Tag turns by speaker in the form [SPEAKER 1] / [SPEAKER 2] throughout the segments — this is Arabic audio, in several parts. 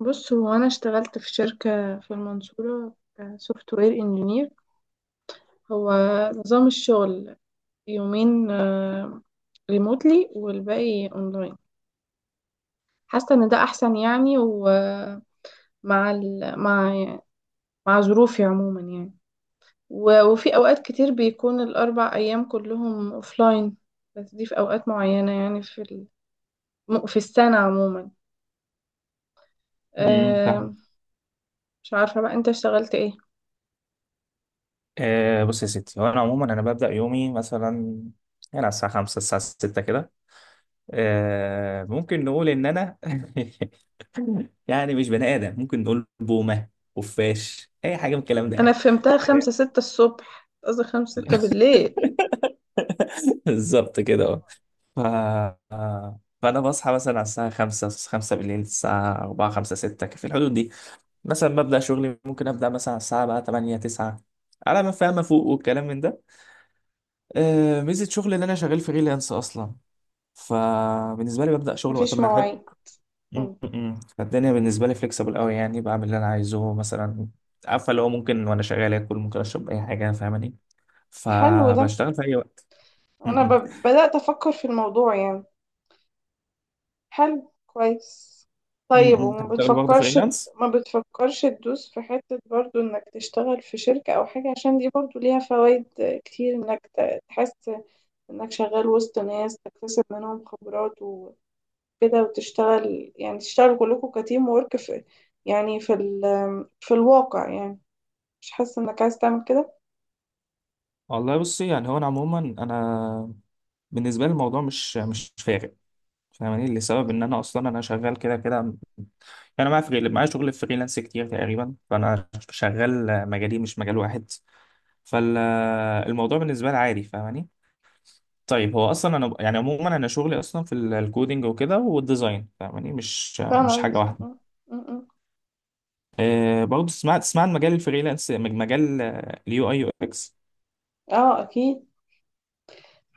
[SPEAKER 1] بص هو انا اشتغلت في شركة في المنصورة. سوفت وير انجينير. هو نظام الشغل يومين ريموتلي والباقي اونلاين. حاسة ان ده احسن يعني، ومع ال... مع مع ظروفي عموما يعني. وفي اوقات كتير بيكون الاربع ايام كلهم اوفلاين، بس دي في اوقات معينة يعني في السنة عموما. أه...
[SPEAKER 2] فاهم.
[SPEAKER 1] مش عارفة بقى انت اشتغلت ايه.
[SPEAKER 2] بص يا ستي، هو انا عموما انا ببدا يومي مثلا يعني على الساعه 5 الساعه 6 كده. ممكن نقول ان انا يعني مش بني ادم، ممكن نقول بومه، خفاش، اي حاجه من الكلام ده يعني.
[SPEAKER 1] انا فهمتها خمسة ستة الصبح، قصدي خمسة ستة بالليل.
[SPEAKER 2] بالظبط كده، اه. ف... فانا بصحى مثلا على الساعه 5 5 بالليل، الساعه 4 5 6 في الحدود دي. مثلا ببدا شغلي، ممكن ابدا مثلا على الساعه بقى 8 9، على ما فاهم فوق والكلام من ده. ميزة شغل ان انا شغال فريلانس اصلا، فبالنسبة لي ببدأ شغل وقت
[SPEAKER 1] مفيش
[SPEAKER 2] ما انا احب.
[SPEAKER 1] مواعيد.
[SPEAKER 2] م-
[SPEAKER 1] مم.
[SPEAKER 2] م. فالدنيا بالنسبة لي فليكسبل قوي، يعني بعمل اللي انا عايزه مثلا، عارفة اللي هو، ممكن وانا شغال اكل، ممكن اشرب اي حاجة، فاهماني.
[SPEAKER 1] حلو ده.
[SPEAKER 2] فبشتغل في اي وقت. م-
[SPEAKER 1] انا
[SPEAKER 2] م.
[SPEAKER 1] ب... بدأت افكر في الموضوع يعني. حلو، كويس. طيب،
[SPEAKER 2] م- م.
[SPEAKER 1] وما
[SPEAKER 2] هتشتغل برضه
[SPEAKER 1] بتفكرش،
[SPEAKER 2] فريلانس؟
[SPEAKER 1] ما بتفكرش تدوس في حتة برضو انك تشتغل في شركة او حاجة؟ عشان دي برضو ليها فوائد كتير، انك تحس انك شغال وسط ناس، تكتسب منهم خبرات وكده، وتشتغل يعني تشتغل كلكم كتيم وورك في يعني في الواقع يعني. مش حاسة انك عايز تعمل كده؟
[SPEAKER 2] والله بصي، يعني هو انا عموما انا، بالنسبة لي الموضوع مش فارق، فاهماني، لسبب ان انا اصلا انا شغال كده كده. انا معايا شغل فريلانس كتير تقريبا، فانا شغال مجالي مش مجال واحد. فالموضوع بالنسبه لي عادي، فاهماني. طيب هو اصلا انا يعني عموما انا شغلي اصلا في الكودينج وكده والديزاين، فاهماني، مش
[SPEAKER 1] فاهمة
[SPEAKER 2] مش حاجه
[SPEAKER 1] قصدي؟
[SPEAKER 2] واحده.
[SPEAKER 1] م- م- م.
[SPEAKER 2] برضه تسمع عن مجال الفريلانس، مجال اليو اي، يو اكس.
[SPEAKER 1] اه اكيد.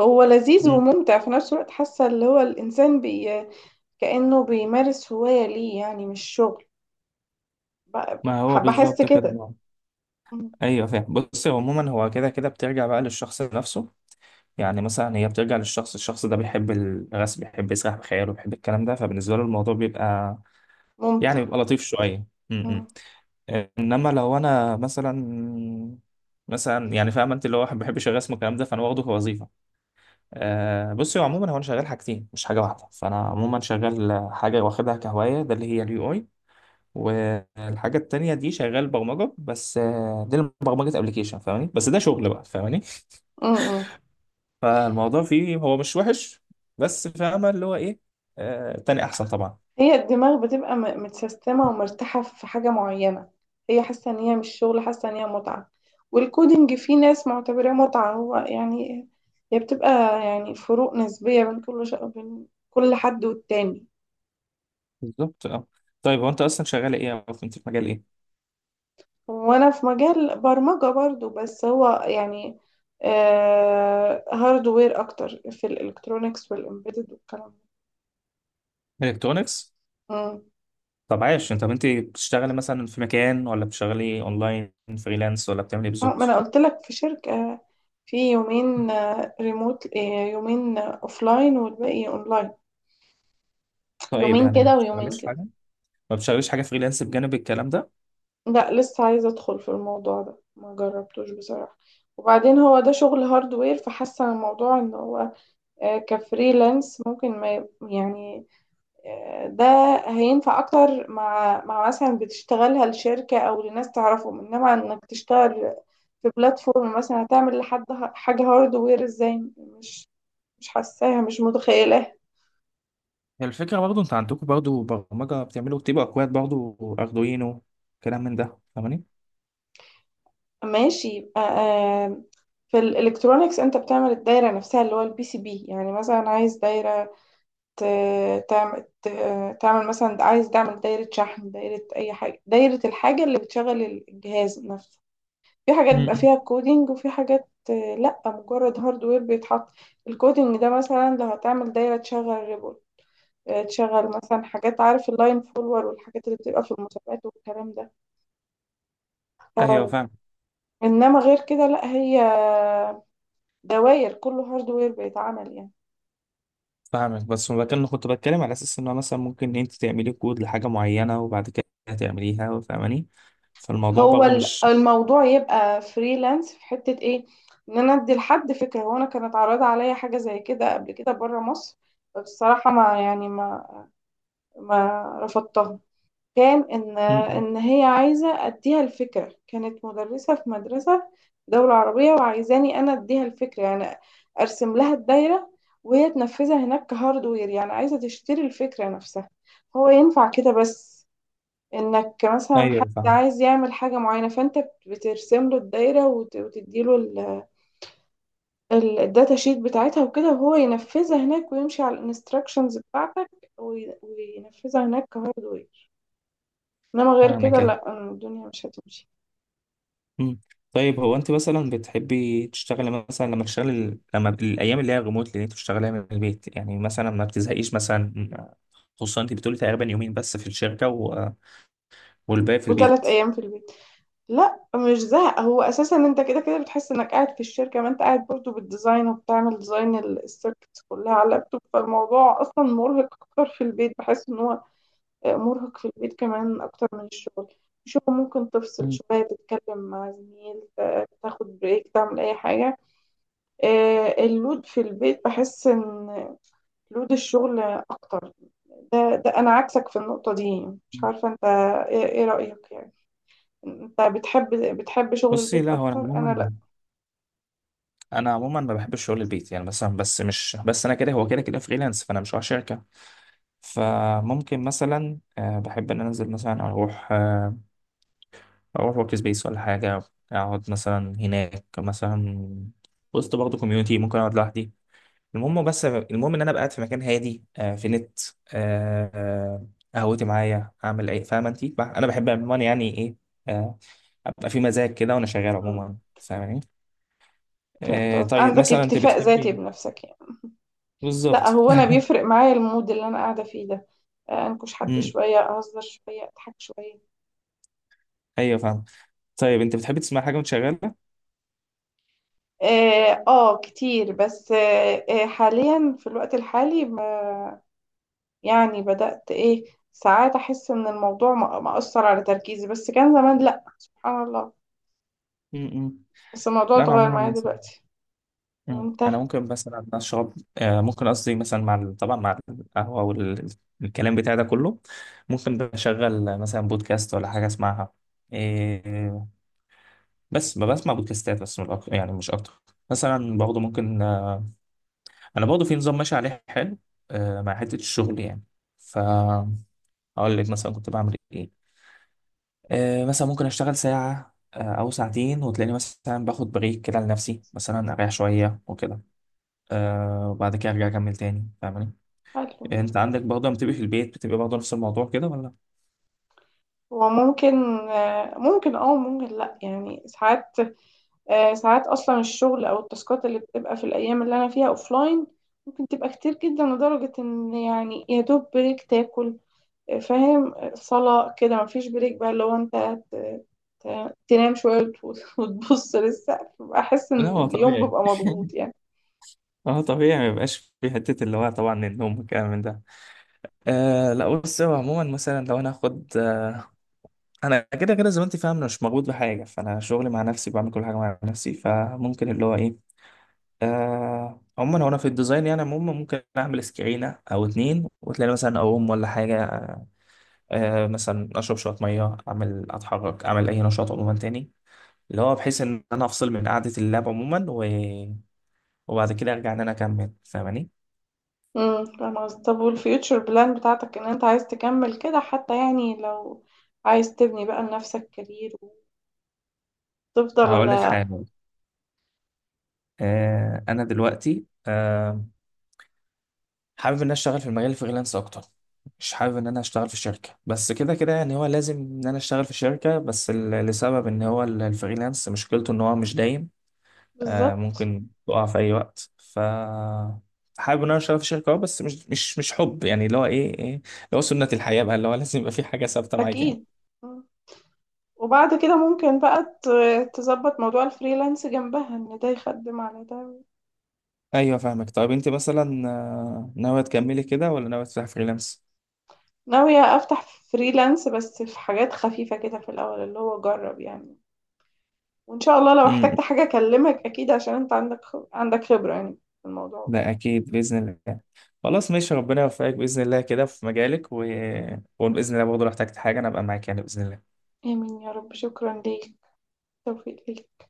[SPEAKER 1] هو لذيذ وممتع في نفس الوقت، حاسة اللي هو الانسان بي كأنه بيمارس هواية ليه يعني، مش شغل. ب-
[SPEAKER 2] ما هو
[SPEAKER 1] بحس
[SPEAKER 2] بالظبط كده
[SPEAKER 1] كده.
[SPEAKER 2] بقى.
[SPEAKER 1] م-
[SPEAKER 2] ايوه فاهم. بص هو عموما هو كده كده بترجع بقى للشخص نفسه، يعني مثلا هي بترجع الشخص ده بيحب الرسم، بيحب يسرح بخياله، بيحب الكلام ده، فبالنسبه له الموضوع بيبقى،
[SPEAKER 1] ممتع.
[SPEAKER 2] يعني بيبقى لطيف شويه.
[SPEAKER 1] م-
[SPEAKER 2] انما لو انا مثلا، مثلا يعني فاهم انت اللي هو ما بحبش الرسم والكلام ده، فانا واخده كوظيفه. بصي، هو عموما هو انا شغال حاجتين مش حاجه واحده، فانا عموما شغال حاجه واخدها كهوايه ده اللي هي اليو اي، والحاجه التانيه دي شغال برمجه، بس دي برمجه ابلكيشن، فاهماني، بس ده شغل بقى، فاهماني.
[SPEAKER 1] م- م.
[SPEAKER 2] فالموضوع فيه هو مش وحش، بس فاهمه اللي هو ايه. تاني احسن طبعا.
[SPEAKER 1] هي الدماغ بتبقى متسيستمة ومرتاحة في حاجة معينة. هي حاسة ان هي مش شغل، حاسة ان هي متعة. والكودينج في ناس معتبراه متعة هو يعني. هي بتبقى، يعني فروق نسبية بين بين كل حد والتاني.
[SPEAKER 2] بالظبط، اه. طيب هو انت اصلا شغال ايه، او انت في مجال ايه؟
[SPEAKER 1] وانا في مجال برمجة برضو، بس هو يعني آه، هاردوير اكتر، في الالكترونيكس والامبيدد والكلام ده.
[SPEAKER 2] الكترونكس؟
[SPEAKER 1] مم.
[SPEAKER 2] طب انت بتشتغلي مثلا في مكان، ولا بتشتغلي اونلاين، فريلانس، ولا بتعملي ايه
[SPEAKER 1] ما انا
[SPEAKER 2] بالظبط؟
[SPEAKER 1] قلت لك في شركة، في يومين ريموت، يومين اوفلاين والباقي اونلاين.
[SPEAKER 2] طيب
[SPEAKER 1] يومين
[SPEAKER 2] يعني ما
[SPEAKER 1] كده ويومين
[SPEAKER 2] بتشتغليش
[SPEAKER 1] كده.
[SPEAKER 2] حاجه؟ ما بتشتغليش حاجه فريلانس بجانب الكلام ده؟
[SPEAKER 1] لا، لسه عايزة ادخل في الموضوع ده، ما جربتوش بصراحة. وبعدين هو ده شغل هاردوير، فحاسة الموضوع ان هو كفريلانس ممكن ما يعني، ده هينفع اكتر مع مثلا بتشتغلها لشركة او لناس تعرفهم، انما انك تشتغل في بلاتفورم مثلا هتعمل لحد حاجة هاردوير ازاي؟ مش، مش حاساها، مش متخيلة.
[SPEAKER 2] هي الفكره برضه انت عندكم برضه برمجه بتعملوا، بتبقى اكواد برضه اردوينو، كلام من ده، فاهماني.
[SPEAKER 1] ماشي، يبقى في الالكترونيكس انت بتعمل الدايرة نفسها اللي هو البي سي بي، يعني مثلا عايز دايرة تعمل، مثلا عايز تعمل دايرة شحن، دايرة اي حاجة، دايرة الحاجة اللي بتشغل الجهاز نفسه. في حاجات بيبقى
[SPEAKER 2] مم.
[SPEAKER 1] فيها كودينج، وفي حاجات لا، مجرد هاردوير بيتحط. الكودينج ده مثلا لو هتعمل دايرة تشغل ريبل، تشغل مثلا حاجات، عارف، اللاين فولور والحاجات اللي بتبقى في المسابقات والكلام ده.
[SPEAKER 2] ايوه
[SPEAKER 1] آه،
[SPEAKER 2] فاهم.
[SPEAKER 1] انما غير كده لا، هي دواير كله هاردوير بيتعمل يعني.
[SPEAKER 2] فاهمك، بس ما كان كنت بتكلم على اساس انه مثلا ممكن انت تعملي كود لحاجه معينه، وبعد كده تعمليها، فاهماني. فالموضوع
[SPEAKER 1] هو
[SPEAKER 2] برضه مش...
[SPEAKER 1] الموضوع يبقى فريلانس في حتة ايه؟ ان انا ادي لحد فكرة. هو انا كانت عارضة عليا حاجة زي كده قبل كده بره مصر، بس الصراحة ما يعني ما رفضتها. كان
[SPEAKER 2] م- م.
[SPEAKER 1] إن هي عايزة أديها الفكرة، كانت مدرسة في مدرسة في دولة عربية، وعايزاني أنا أديها الفكرة يعني. أرسم لها الدايرة وهي تنفذها هناك كهاردوير، يعني عايزة تشتري الفكرة نفسها. هو ينفع كده بس، إنك مثلا حد
[SPEAKER 2] ايوه فاهم.
[SPEAKER 1] عايز يعمل حاجة معينة فأنت بترسم له الدايرة وتديله الداتا شيت بتاعتها وكده، وهو ينفذها هناك ويمشي على الانستراكشنز بتاعتك وينفذها هناك كهاردوير. انما غير كده
[SPEAKER 2] فاهمك، ايوه.
[SPEAKER 1] لا، أنا الدنيا مش هتمشي.
[SPEAKER 2] مم. طيب هو انت مثلا بتحبي تشتغلي مثلا، لما الايام اللي هي ريموت اللي انت بتشتغليها من البيت، يعني مثلا ما بتزهقيش مثلا؟ خصوصا انت بتقولي تقريبا يومين بس في الشركه و... والباقي في
[SPEAKER 1] وثلاث
[SPEAKER 2] البيت.
[SPEAKER 1] ايام في البيت. لا، مش زهق. هو اساسا انت كده كده بتحس انك قاعد في الشركه، ما انت قاعد برضو بالديزاين، وبتعمل ديزاين السيركتس كلها على اللابتوب. فالموضوع اصلا مرهق اكتر في البيت، بحس ان هو مرهق في البيت كمان اكتر من الشغل. شو ممكن تفصل
[SPEAKER 2] مم.
[SPEAKER 1] شويه، تتكلم مع زميل، تاخد بريك، تعمل اي حاجه. اللود في البيت، بحس ان لود الشغل اكتر. ده ده انا عكسك في النقطة دي. مش عارفة انت إيه رأيك يعني؟ انت بتحب، بتحب شغل
[SPEAKER 2] بصي
[SPEAKER 1] البيت
[SPEAKER 2] لا، هو انا
[SPEAKER 1] اكتر، انا لا.
[SPEAKER 2] عموما، انا عموما ما بحبش شغل البيت يعني، مثلا بس، مش بس انا كده، هو كده كده فريلانس، فانا مش على شركه. فممكن مثلا بحب ان أنا انزل مثلا، اروح ورك سبيس ولا حاجه، اقعد مثلا هناك مثلا، وسط برضه كوميونتي، ممكن اقعد لوحدي. المهم ان انا ابقى قاعد في مكان هادي، في نت، آه آه، قهوتي معايا، اعمل ايه، فاهمه انت. انا بحب عموما، يعني ايه، آه ابقى في مزاج كده وانا شغال
[SPEAKER 1] مم.
[SPEAKER 2] عموما، فاهماني.
[SPEAKER 1] فهمت قصدك،
[SPEAKER 2] طيب
[SPEAKER 1] عندك
[SPEAKER 2] مثلا انت
[SPEAKER 1] اكتفاء ذاتي
[SPEAKER 2] بتحبي...
[SPEAKER 1] بنفسك يعني. لا،
[SPEAKER 2] بالظبط.
[SPEAKER 1] هو انا بيفرق معايا المود اللي انا قاعدة فيه ده. انكش حد
[SPEAKER 2] م-
[SPEAKER 1] شوية، اهزر شوية، اضحك شوية.
[SPEAKER 2] ايوه فاهم. طيب انت بتحبي تسمع حاجه وانت شغاله؟
[SPEAKER 1] اه، آه كتير، بس آه حاليا في الوقت الحالي يعني بدأت ايه، ساعات احس ان الموضوع مأثر على تركيزي، بس كان زمان لا، سبحان الله.
[SPEAKER 2] م- م.
[SPEAKER 1] بس الموضوع
[SPEAKER 2] لا انا
[SPEAKER 1] اتغير معايا
[SPEAKER 2] عموما.
[SPEAKER 1] دلوقتي.
[SPEAKER 2] مم.
[SPEAKER 1] وانت؟
[SPEAKER 2] انا ممكن مثلا اشرب، ممكن قصدي مثلا، مع طبعا مع القهوه والكلام بتاع ده كله، ممكن بشغل مثلا بودكاست ولا حاجه اسمعها. إيه. بس ما بسمع بودكاستات بس من يعني مش اكتر. مثلا برضه ممكن، انا برضه في نظام ماشي عليه حلو، مع حته الشغل يعني. ف هقول لك مثلا كنت بعمل ايه. مثلا ممكن اشتغل ساعه، او ساعتين، وتلاقيني مثلا باخد بريك كده لنفسي مثلا، اريح شويه وكده. وبعد كده ارجع اكمل تاني، فاهماني.
[SPEAKER 1] حلو.
[SPEAKER 2] انت عندك برضه لما بتبقى في البيت بتبقى برضه نفس الموضوع كده، ولا؟
[SPEAKER 1] وممكن ممكن اه، ممكن لا، يعني ساعات ساعات اصلا الشغل او التاسكات اللي بتبقى في الايام اللي انا فيها اوفلاين ممكن تبقى كتير جدا، لدرجة ان يعني يا دوب بريك تاكل، فاهم، صلاة كده، مفيش بريك. بقى لو انت ت- تنام شوية وتبص للسقف، بحس ان
[SPEAKER 2] لا، هو
[SPEAKER 1] اليوم
[SPEAKER 2] طبيعي،
[SPEAKER 1] بيبقى مضغوط يعني.
[SPEAKER 2] هو طبيعي ما يبقاش في حتة، اللي هو طبعا النوم والكلام من ده. لا بص، هو عموما مثلا لو انا هاخد، انا كده كده زي ما انت فاهم، انا مش مربوط بحاجة، فانا شغلي مع نفسي، بعمل كل حاجة مع نفسي، فممكن اللي هو ايه. عموما هو انا في الديزاين يعني عموما ممكن اعمل سكرينة او اتنين، وتلاقي مثلا اقوم ولا حاجة. مثلا اشرب شوية مية، اعمل اتحرك، اعمل اي نشاط عموما تاني، اللي هو بحيث ان انا افصل من قعدة اللاب عموما، وبعد كده ارجع ان انا اكمل، فاهماني.
[SPEAKER 1] فاهمة قصدك. طب والفيوتشر بلان بتاعتك، ان انت عايز تكمل كده حتى، يعني لو عايز تبني بقى لنفسك كارير
[SPEAKER 2] هقول لك
[SPEAKER 1] وتفضل؟
[SPEAKER 2] حاجه، انا دلوقتي حابب ان انا اشتغل في المجال الفريلانس اكتر. مش حابب ان انا اشتغل في شركه، بس كده كده يعني هو لازم ان انا اشتغل في شركه، بس لسبب ان هو الفريلانس مشكلته ان هو مش دايم.
[SPEAKER 1] بالظبط.
[SPEAKER 2] ممكن تقع في اي وقت. حابب ان انا اشتغل في شركه اه، بس مش حب يعني، اللي هو ايه اللي هو سنه الحياه بقى، اللي هو لازم يبقى في حاجه ثابته معاك يعني.
[SPEAKER 1] اكيد. مم. وبعد كده ممكن بقى تظبط موضوع الفريلانس جنبها، ان ده يخدم على ده.
[SPEAKER 2] ايوه فاهمك. طيب انت مثلا ناويه تكملي كده، ولا ناويه تفتحي فريلانس؟
[SPEAKER 1] ناوية افتح فريلانس، بس في حاجات خفيفة كده في الاول، اللي هو جرب يعني. وان شاء الله لو
[SPEAKER 2] امم
[SPEAKER 1] احتجت حاجة اكلمك، اكيد، عشان انت عندك عندك خبرة يعني في الموضوع كده.
[SPEAKER 2] ده اكيد باذن الله. خلاص ماشي، ربنا يوفقك باذن الله كده في مجالك و... وباذن الله برضه لو احتجت حاجه انا ابقى معاك يعني، باذن الله.
[SPEAKER 1] امين يا رب. شكرا ليك. توفيق ليك.